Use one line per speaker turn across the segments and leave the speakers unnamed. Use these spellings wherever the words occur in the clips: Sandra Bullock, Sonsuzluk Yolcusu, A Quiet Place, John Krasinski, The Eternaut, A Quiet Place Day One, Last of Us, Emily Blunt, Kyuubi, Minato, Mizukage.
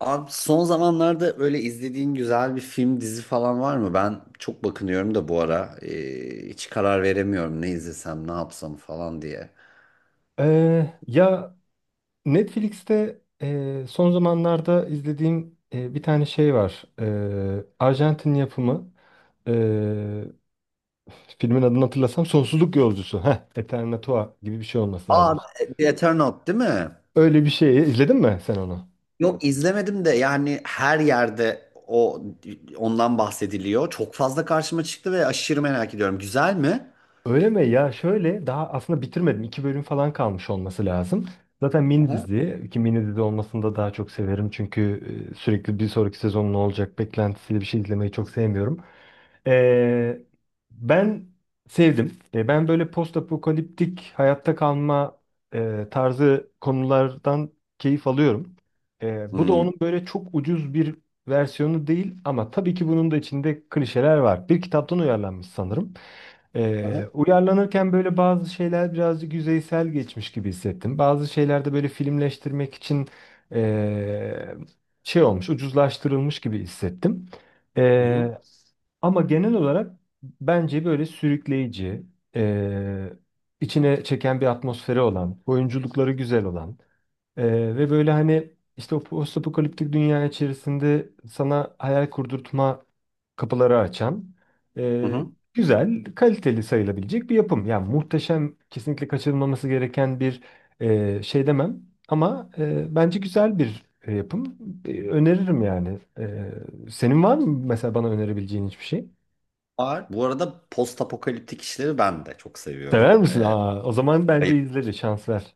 Abi son zamanlarda böyle izlediğin güzel bir film, dizi falan var mı? Ben çok bakınıyorum da bu ara. Hiç karar veremiyorum ne izlesem, ne yapsam falan diye.
Ee, ya Netflix'te son zamanlarda izlediğim bir tane şey var. Arjantin yapımı. e, Filmin adını hatırlasam Sonsuzluk Yolcusu. Heh, Eternatua gibi bir şey olması lazım.
Aa, The Eternaut değil mi?
Öyle bir şey. İzledin mi sen onu?
Yok izlemedim de yani her yerde ondan bahsediliyor. Çok fazla karşıma çıktı ve aşırı merak ediyorum. Güzel mi?
Öyle mi? Ya şöyle daha aslında bitirmedim. İki bölüm falan kalmış olması lazım. Zaten mini
Aha.
dizi. Ki mini dizi olmasını da daha çok severim. Çünkü sürekli bir sonraki sezonun ne olacak beklentisiyle bir şey izlemeyi çok sevmiyorum. Ee, Ben sevdim. Ben böyle post apokaliptik hayatta kalma tarzı konulardan keyif alıyorum. Bu da
Hmm.
onun böyle çok ucuz bir versiyonu değil ama tabii ki bunun da içinde klişeler var. Bir kitaptan uyarlanmış sanırım.
Aha.
Uyarlanırken böyle bazı şeyler birazcık yüzeysel geçmiş gibi hissettim. Bazı şeyler de böyle filmleştirmek için e, şey olmuş, ucuzlaştırılmış gibi hissettim.
Hı hı.
Ee, Ama genel olarak bence böyle sürükleyici, eee, içine çeken bir atmosferi olan, oyunculukları güzel olan, ve böyle hani işte o postapokaliptik dünya içerisinde sana hayal kurdurtma kapıları açan,
Hı
eee,
hı.
güzel, kaliteli sayılabilecek bir yapım. Yani muhteşem, kesinlikle kaçırılmaması gereken bir şey demem ama bence güzel bir yapım. Öneririm yani. Senin var mı mesela bana önerebileceğin hiçbir şey?
Var. Bu arada post apokaliptik işleri ben de çok
Sever
seviyorum.
misin? Aa, o zaman
Ee,
bence izleriz. Şans ver.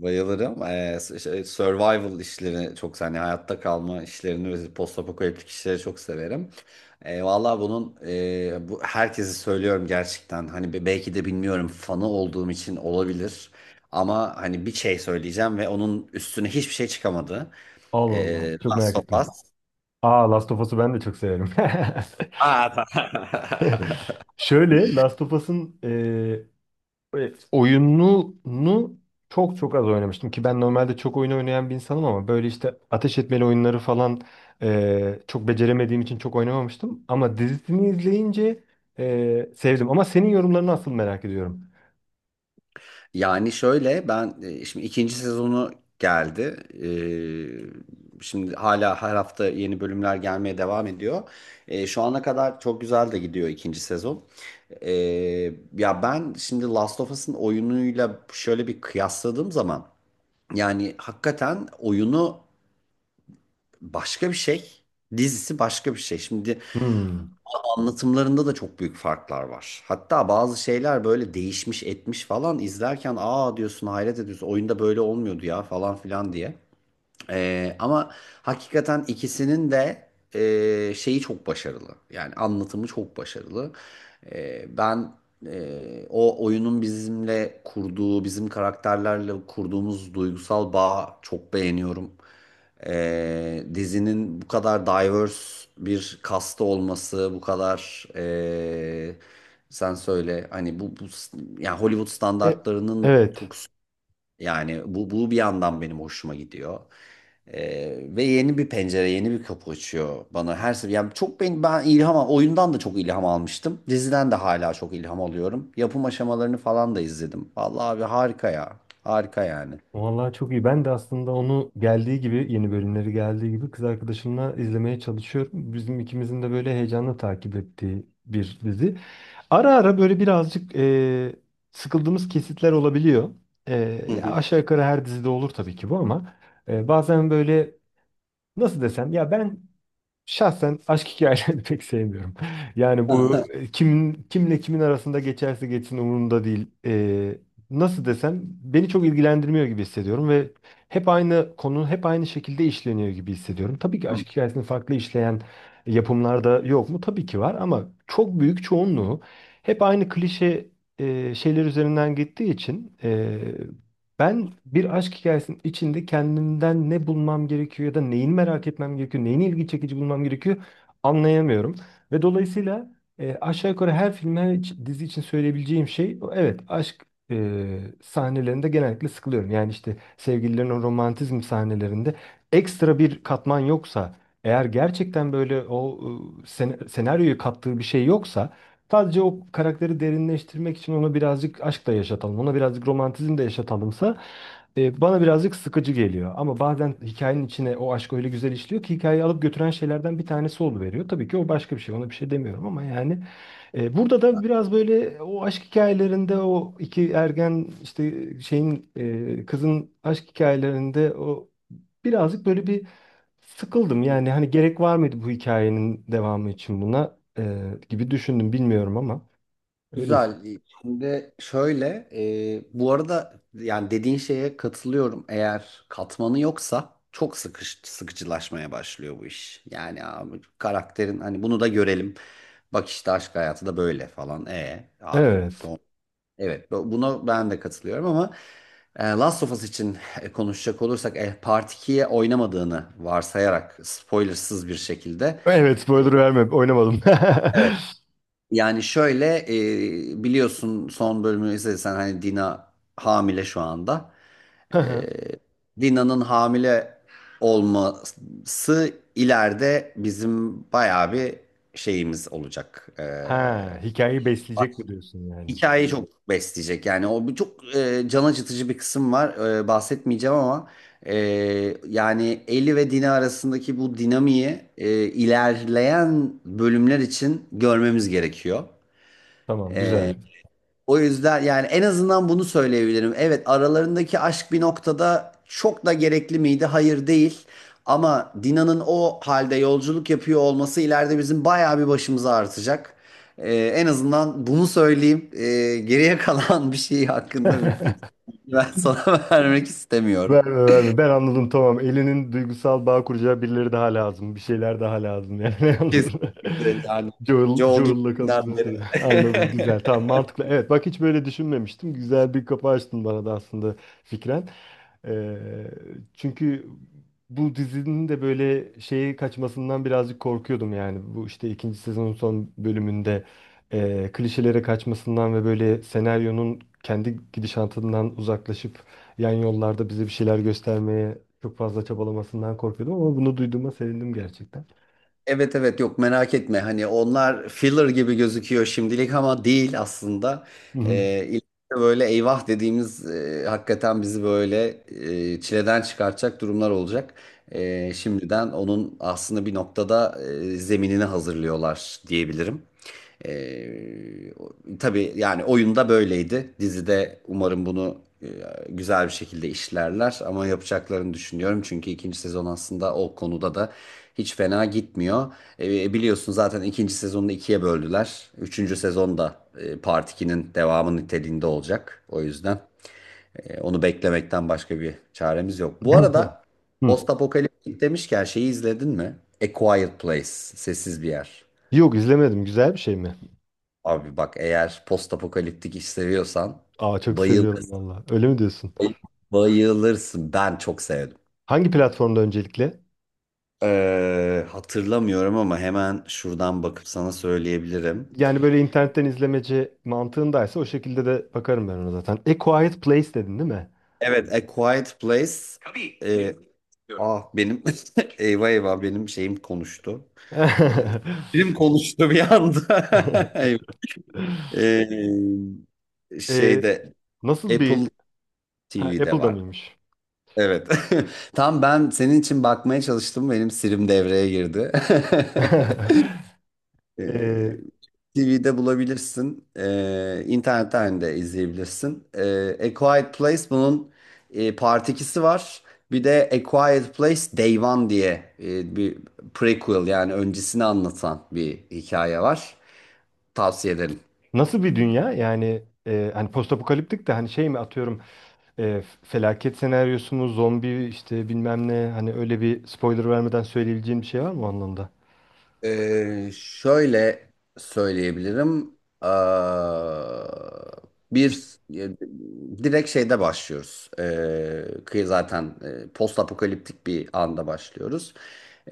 Bayılırım Survival işlerini çok hani hayatta kalma işlerini ve postapokaliptik işleri çok severim. Vallahi bu herkese söylüyorum gerçekten. Hani belki de bilmiyorum fanı olduğum için olabilir. Ama hani bir şey söyleyeceğim ve onun üstüne hiçbir şey çıkamadı.
Allah Allah. Çok
Last
merak
of Us.
ettim. Aa, Last of Us'u ben de çok severim.
Aa,
Şöyle Last of Us'ın oyununu çok çok az oynamıştım ki ben normalde çok oyun oynayan bir insanım ama böyle işte ateş etmeli oyunları falan çok beceremediğim için çok oynamamıştım. Ama dizisini izleyince sevdim. Ama senin yorumlarını asıl merak ediyorum.
Yani şöyle ben şimdi ikinci sezonu geldi. Şimdi hala her hafta yeni bölümler gelmeye devam ediyor. Şu ana kadar çok güzel de gidiyor ikinci sezon. Ee, ya ben şimdi Last of Us'ın oyunuyla şöyle bir kıyasladığım zaman yani hakikaten oyunu başka bir şey, dizisi başka bir şey. Şimdi
Hmm.
anlatımlarında da çok büyük farklar var. Hatta bazı şeyler böyle değişmiş etmiş falan izlerken aa diyorsun, hayret ediyorsun, oyunda böyle olmuyordu ya falan filan diye. Ama hakikaten ikisinin de şeyi çok başarılı. Yani anlatımı çok başarılı. Ben e, o oyunun bizimle kurduğu, bizim karakterlerle kurduğumuz duygusal bağı çok beğeniyorum. Dizinin bu kadar diverse bir kasta olması, bu kadar sen söyle hani bu yani Hollywood
E,
standartlarının
evet.
çok, yani bu bir yandan benim hoşuma gidiyor. Ve yeni bir pencere, yeni bir kapı açıyor bana her sefer. Yani çok ben oyundan da çok ilham almıştım. Diziden de hala çok ilham alıyorum. Yapım aşamalarını falan da izledim. Vallahi abi harika ya. Harika yani.
Vallahi çok iyi. Ben de aslında onu geldiği gibi, yeni bölümleri geldiği gibi kız arkadaşımla izlemeye çalışıyorum. Bizim ikimizin de böyle heyecanla takip ettiği bir dizi. Ara ara böyle birazcık sıkıldığımız kesitler olabiliyor. E,
Hı
Ya
hı.
aşağı yukarı her dizide olur tabii ki bu ama bazen böyle nasıl desem ya ben, şahsen aşk hikayelerini pek sevmiyorum. Yani bu kimin kimle kimin arasında geçerse geçsin umurumda değil. Nasıl desem, beni çok ilgilendirmiyor gibi hissediyorum ve hep aynı konu hep aynı şekilde işleniyor gibi hissediyorum. Tabii ki aşk hikayesini farklı işleyen yapımlarda yok mu? Tabii ki var ama çok büyük çoğunluğu hep aynı klişe şeyler üzerinden gittiği için ben bir aşk hikayesinin içinde kendimden ne bulmam gerekiyor ya da neyini merak etmem gerekiyor, neyini ilgi çekici bulmam gerekiyor anlayamıyorum. Ve dolayısıyla aşağı yukarı her film, her dizi için söyleyebileceğim şey, evet, aşk e, sahnelerinde genellikle sıkılıyorum. Yani işte sevgililerin o romantizm sahnelerinde ekstra bir katman yoksa eğer, gerçekten böyle o senaryoyu kattığı bir şey yoksa, sadece o karakteri derinleştirmek için onu birazcık aşkla yaşatalım, ona birazcık romantizm de yaşatalımsa bana birazcık sıkıcı geliyor. Ama bazen hikayenin içine o aşk öyle güzel işliyor ki hikayeyi alıp götüren şeylerden bir tanesi oluveriyor. Tabii ki o başka bir şey. Ona bir şey demiyorum ama yani burada da biraz böyle o aşk hikayelerinde o iki ergen işte şeyin, kızın aşk hikayelerinde o birazcık böyle bir sıkıldım.
Hı.
Yani hani gerek var mıydı bu hikayenin devamı için buna, gibi düşündüm bilmiyorum ama öylesin.
Güzel. Şimdi şöyle, bu arada yani dediğin şeye katılıyorum. Eğer katmanı yoksa çok sıkıcılaşmaya başlıyor bu iş. Yani abi karakterin hani bunu da görelim. Bak işte aşk hayatı da böyle falan. Abi
Evet.
son. Evet buna ben de katılıyorum, ama Last of Us için konuşacak olursak Part 2'ye oynamadığını varsayarak spoilersız bir şekilde,
Evet,
e,
spoiler verme, oynamadım.
evet yani şöyle, biliyorsun son bölümü izlediysen hani Dina hamile şu anda. E, Dina'nın hamile olması ileride bizim bayağı bir şeyimiz olacak.
Ha, hikayeyi besleyecek mi diyorsun yani?
Hikayeyi çok besleyecek, yani o bir çok can acıtıcı bir kısım var. Bahsetmeyeceğim ama e, yani Ellie ve Dina arasındaki bu dinamiği ilerleyen bölümler için görmemiz gerekiyor.
Tamam, güzel.
O yüzden yani en azından bunu söyleyebilirim. Evet, aralarındaki aşk bir noktada çok da gerekli miydi? Hayır, değil. Ama Dina'nın o halde yolculuk yapıyor olması ileride bizim bayağı bir başımıza artacak. En azından bunu söyleyeyim. Geriye kalan bir şey hakkında bir fikir ben sana vermek istemiyorum.
Verme, verme. Ben anladım, tamam. Elinin duygusal bağ kuracağı birileri daha lazım. Bir şeyler daha lazım yani, anladım.
Kesinlikle yani.
Joel,
Joel
Joel'la
gittiğinden
kaptılar
beri.
tabii. Anladım, güzel, tamam, mantıklı. Evet, bak, hiç böyle düşünmemiştim. Güzel bir kapı açtın bana da aslında fikren. Ee, Çünkü bu dizinin de böyle şeye kaçmasından birazcık korkuyordum yani. Bu işte ikinci sezonun son bölümünde klişelere kaçmasından ve böyle senaryonun kendi gidişatından uzaklaşıp yan yollarda bize bir şeyler göstermeye çok fazla çabalamasından korkuyordum ama bunu duyduğuma sevindim gerçekten.
Evet, evet, yok merak etme, hani onlar filler gibi gözüküyor şimdilik ama değil aslında.
Hı hı.
İleride böyle eyvah dediğimiz, hakikaten bizi böyle çileden çıkartacak durumlar olacak. Şimdiden onun aslında bir noktada zeminini hazırlıyorlar diyebilirim. Ee, o- tabii yani oyunda böyleydi. Dizide umarım bunu güzel bir şekilde işlerler ama yapacaklarını düşünüyorum. Çünkü ikinci sezon aslında o konuda da hiç fena gitmiyor. Biliyorsun zaten ikinci sezonu ikiye böldüler. Üçüncü sezon da Part 2'nin devamı niteliğinde olacak. O yüzden onu beklemekten başka bir çaremiz yok. Bu arada
Hı.
postapokaliptik demişken şeyi izledin mi? A Quiet Place, sessiz bir yer.
Yok, izlemedim. Güzel bir şey mi?
Abi bak, eğer postapokaliptik iş seviyorsan
Aa, çok seviyorum
bayılırsın.
valla. Öyle mi diyorsun?
Bayılırsın. Ben çok sevdim.
Hangi platformda öncelikle?
Hatırlamıyorum ama hemen şuradan bakıp sana söyleyebilirim.
Yani böyle internetten izlemeci mantığındaysa o şekilde de bakarım ben ona zaten. A Quiet Place dedin değil mi?
Evet, A Quiet Place. Tabii. Ah, benim eyvah eyvah, benim şeyim konuştu. Ee, Film konuştu bir anda. Eyvah.
Ee,
Şeyde
Nasıl bir...
Apple
Ha,
TV'de
Apple'da
var.
mıymış?
Evet. Tam ben senin için bakmaya çalıştım. Benim Siri'm devreye girdi.
Ee,
TV'de bulabilirsin. İnternetten de izleyebilirsin. A Quiet Place bunun Part 2'si var. Bir de A Quiet Place Day One diye bir prequel, yani öncesini anlatan bir hikaye var. Tavsiye ederim.
Nasıl bir dünya? Yani hani postapokaliptik de, hani şey mi, atıyorum, felaket senaryosu mu, zombi işte bilmem ne, hani öyle bir spoiler vermeden söyleyebileceğim bir şey var mı o anlamda?
Şöyle söyleyebilirim. Aa, bir
İşte-
e, direkt şeyde başlıyoruz. Kıyı zaten, post apokaliptik bir anda başlıyoruz.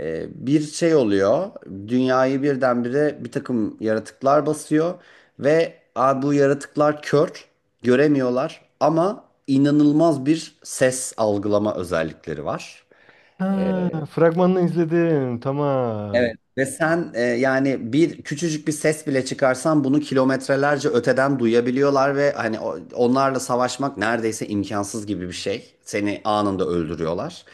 Bir şey oluyor. Dünyayı birdenbire bir takım yaratıklar basıyor ve "Aa, bu yaratıklar kör, göremiyorlar ama inanılmaz bir ses algılama özellikleri var."
Ha, fragmanını izledim. Tamam.
Evet ve sen yani bir küçücük bir ses bile çıkarsan bunu kilometrelerce öteden duyabiliyorlar ve hani onlarla savaşmak neredeyse imkansız gibi bir şey. Seni anında öldürüyorlar.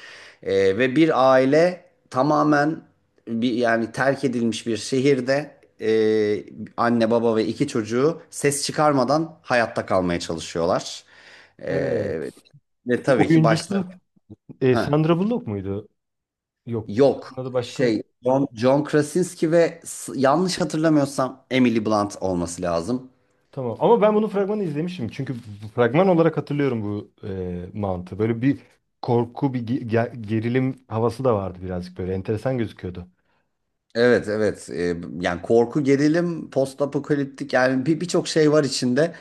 Ve bir aile tamamen, bir yani terk edilmiş bir şehirde, anne baba ve iki çocuğu ses çıkarmadan hayatta kalmaya çalışıyorlar.
Evet.
E, Ve tabii ki
Oyuncusu
başlarına... Heh.
Sandra Bullock muydu? Yok, o kadının
Yok
adı başka.
şey, John Krasinski ve yanlış hatırlamıyorsam Emily Blunt olması lazım.
Tamam. Ama ben bunun fragmanı izlemişim. Çünkü bu fragman olarak hatırlıyorum bu mantığı. Böyle bir korku, bir gerilim havası da vardı birazcık böyle. Enteresan gözüküyordu.
Evet, evet. Yani korku, gerilim, post apokaliptik, yani birçok şey var içinde.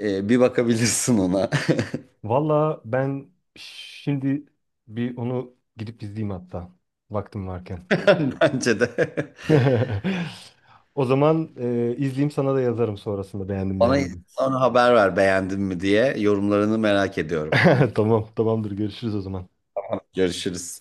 Bir bakabilirsin ona.
Valla ben şimdi bir onu gidip izleyeyim hatta. Vaktim varken.
Bence de.
O zaman izleyeyim, sana da yazarım sonrasında beğendim
Bana
beğenmedim.
sonra haber ver beğendin mi diye, yorumlarını merak ediyorum.
Tamam, tamamdır, görüşürüz o zaman.
Görüşürüz.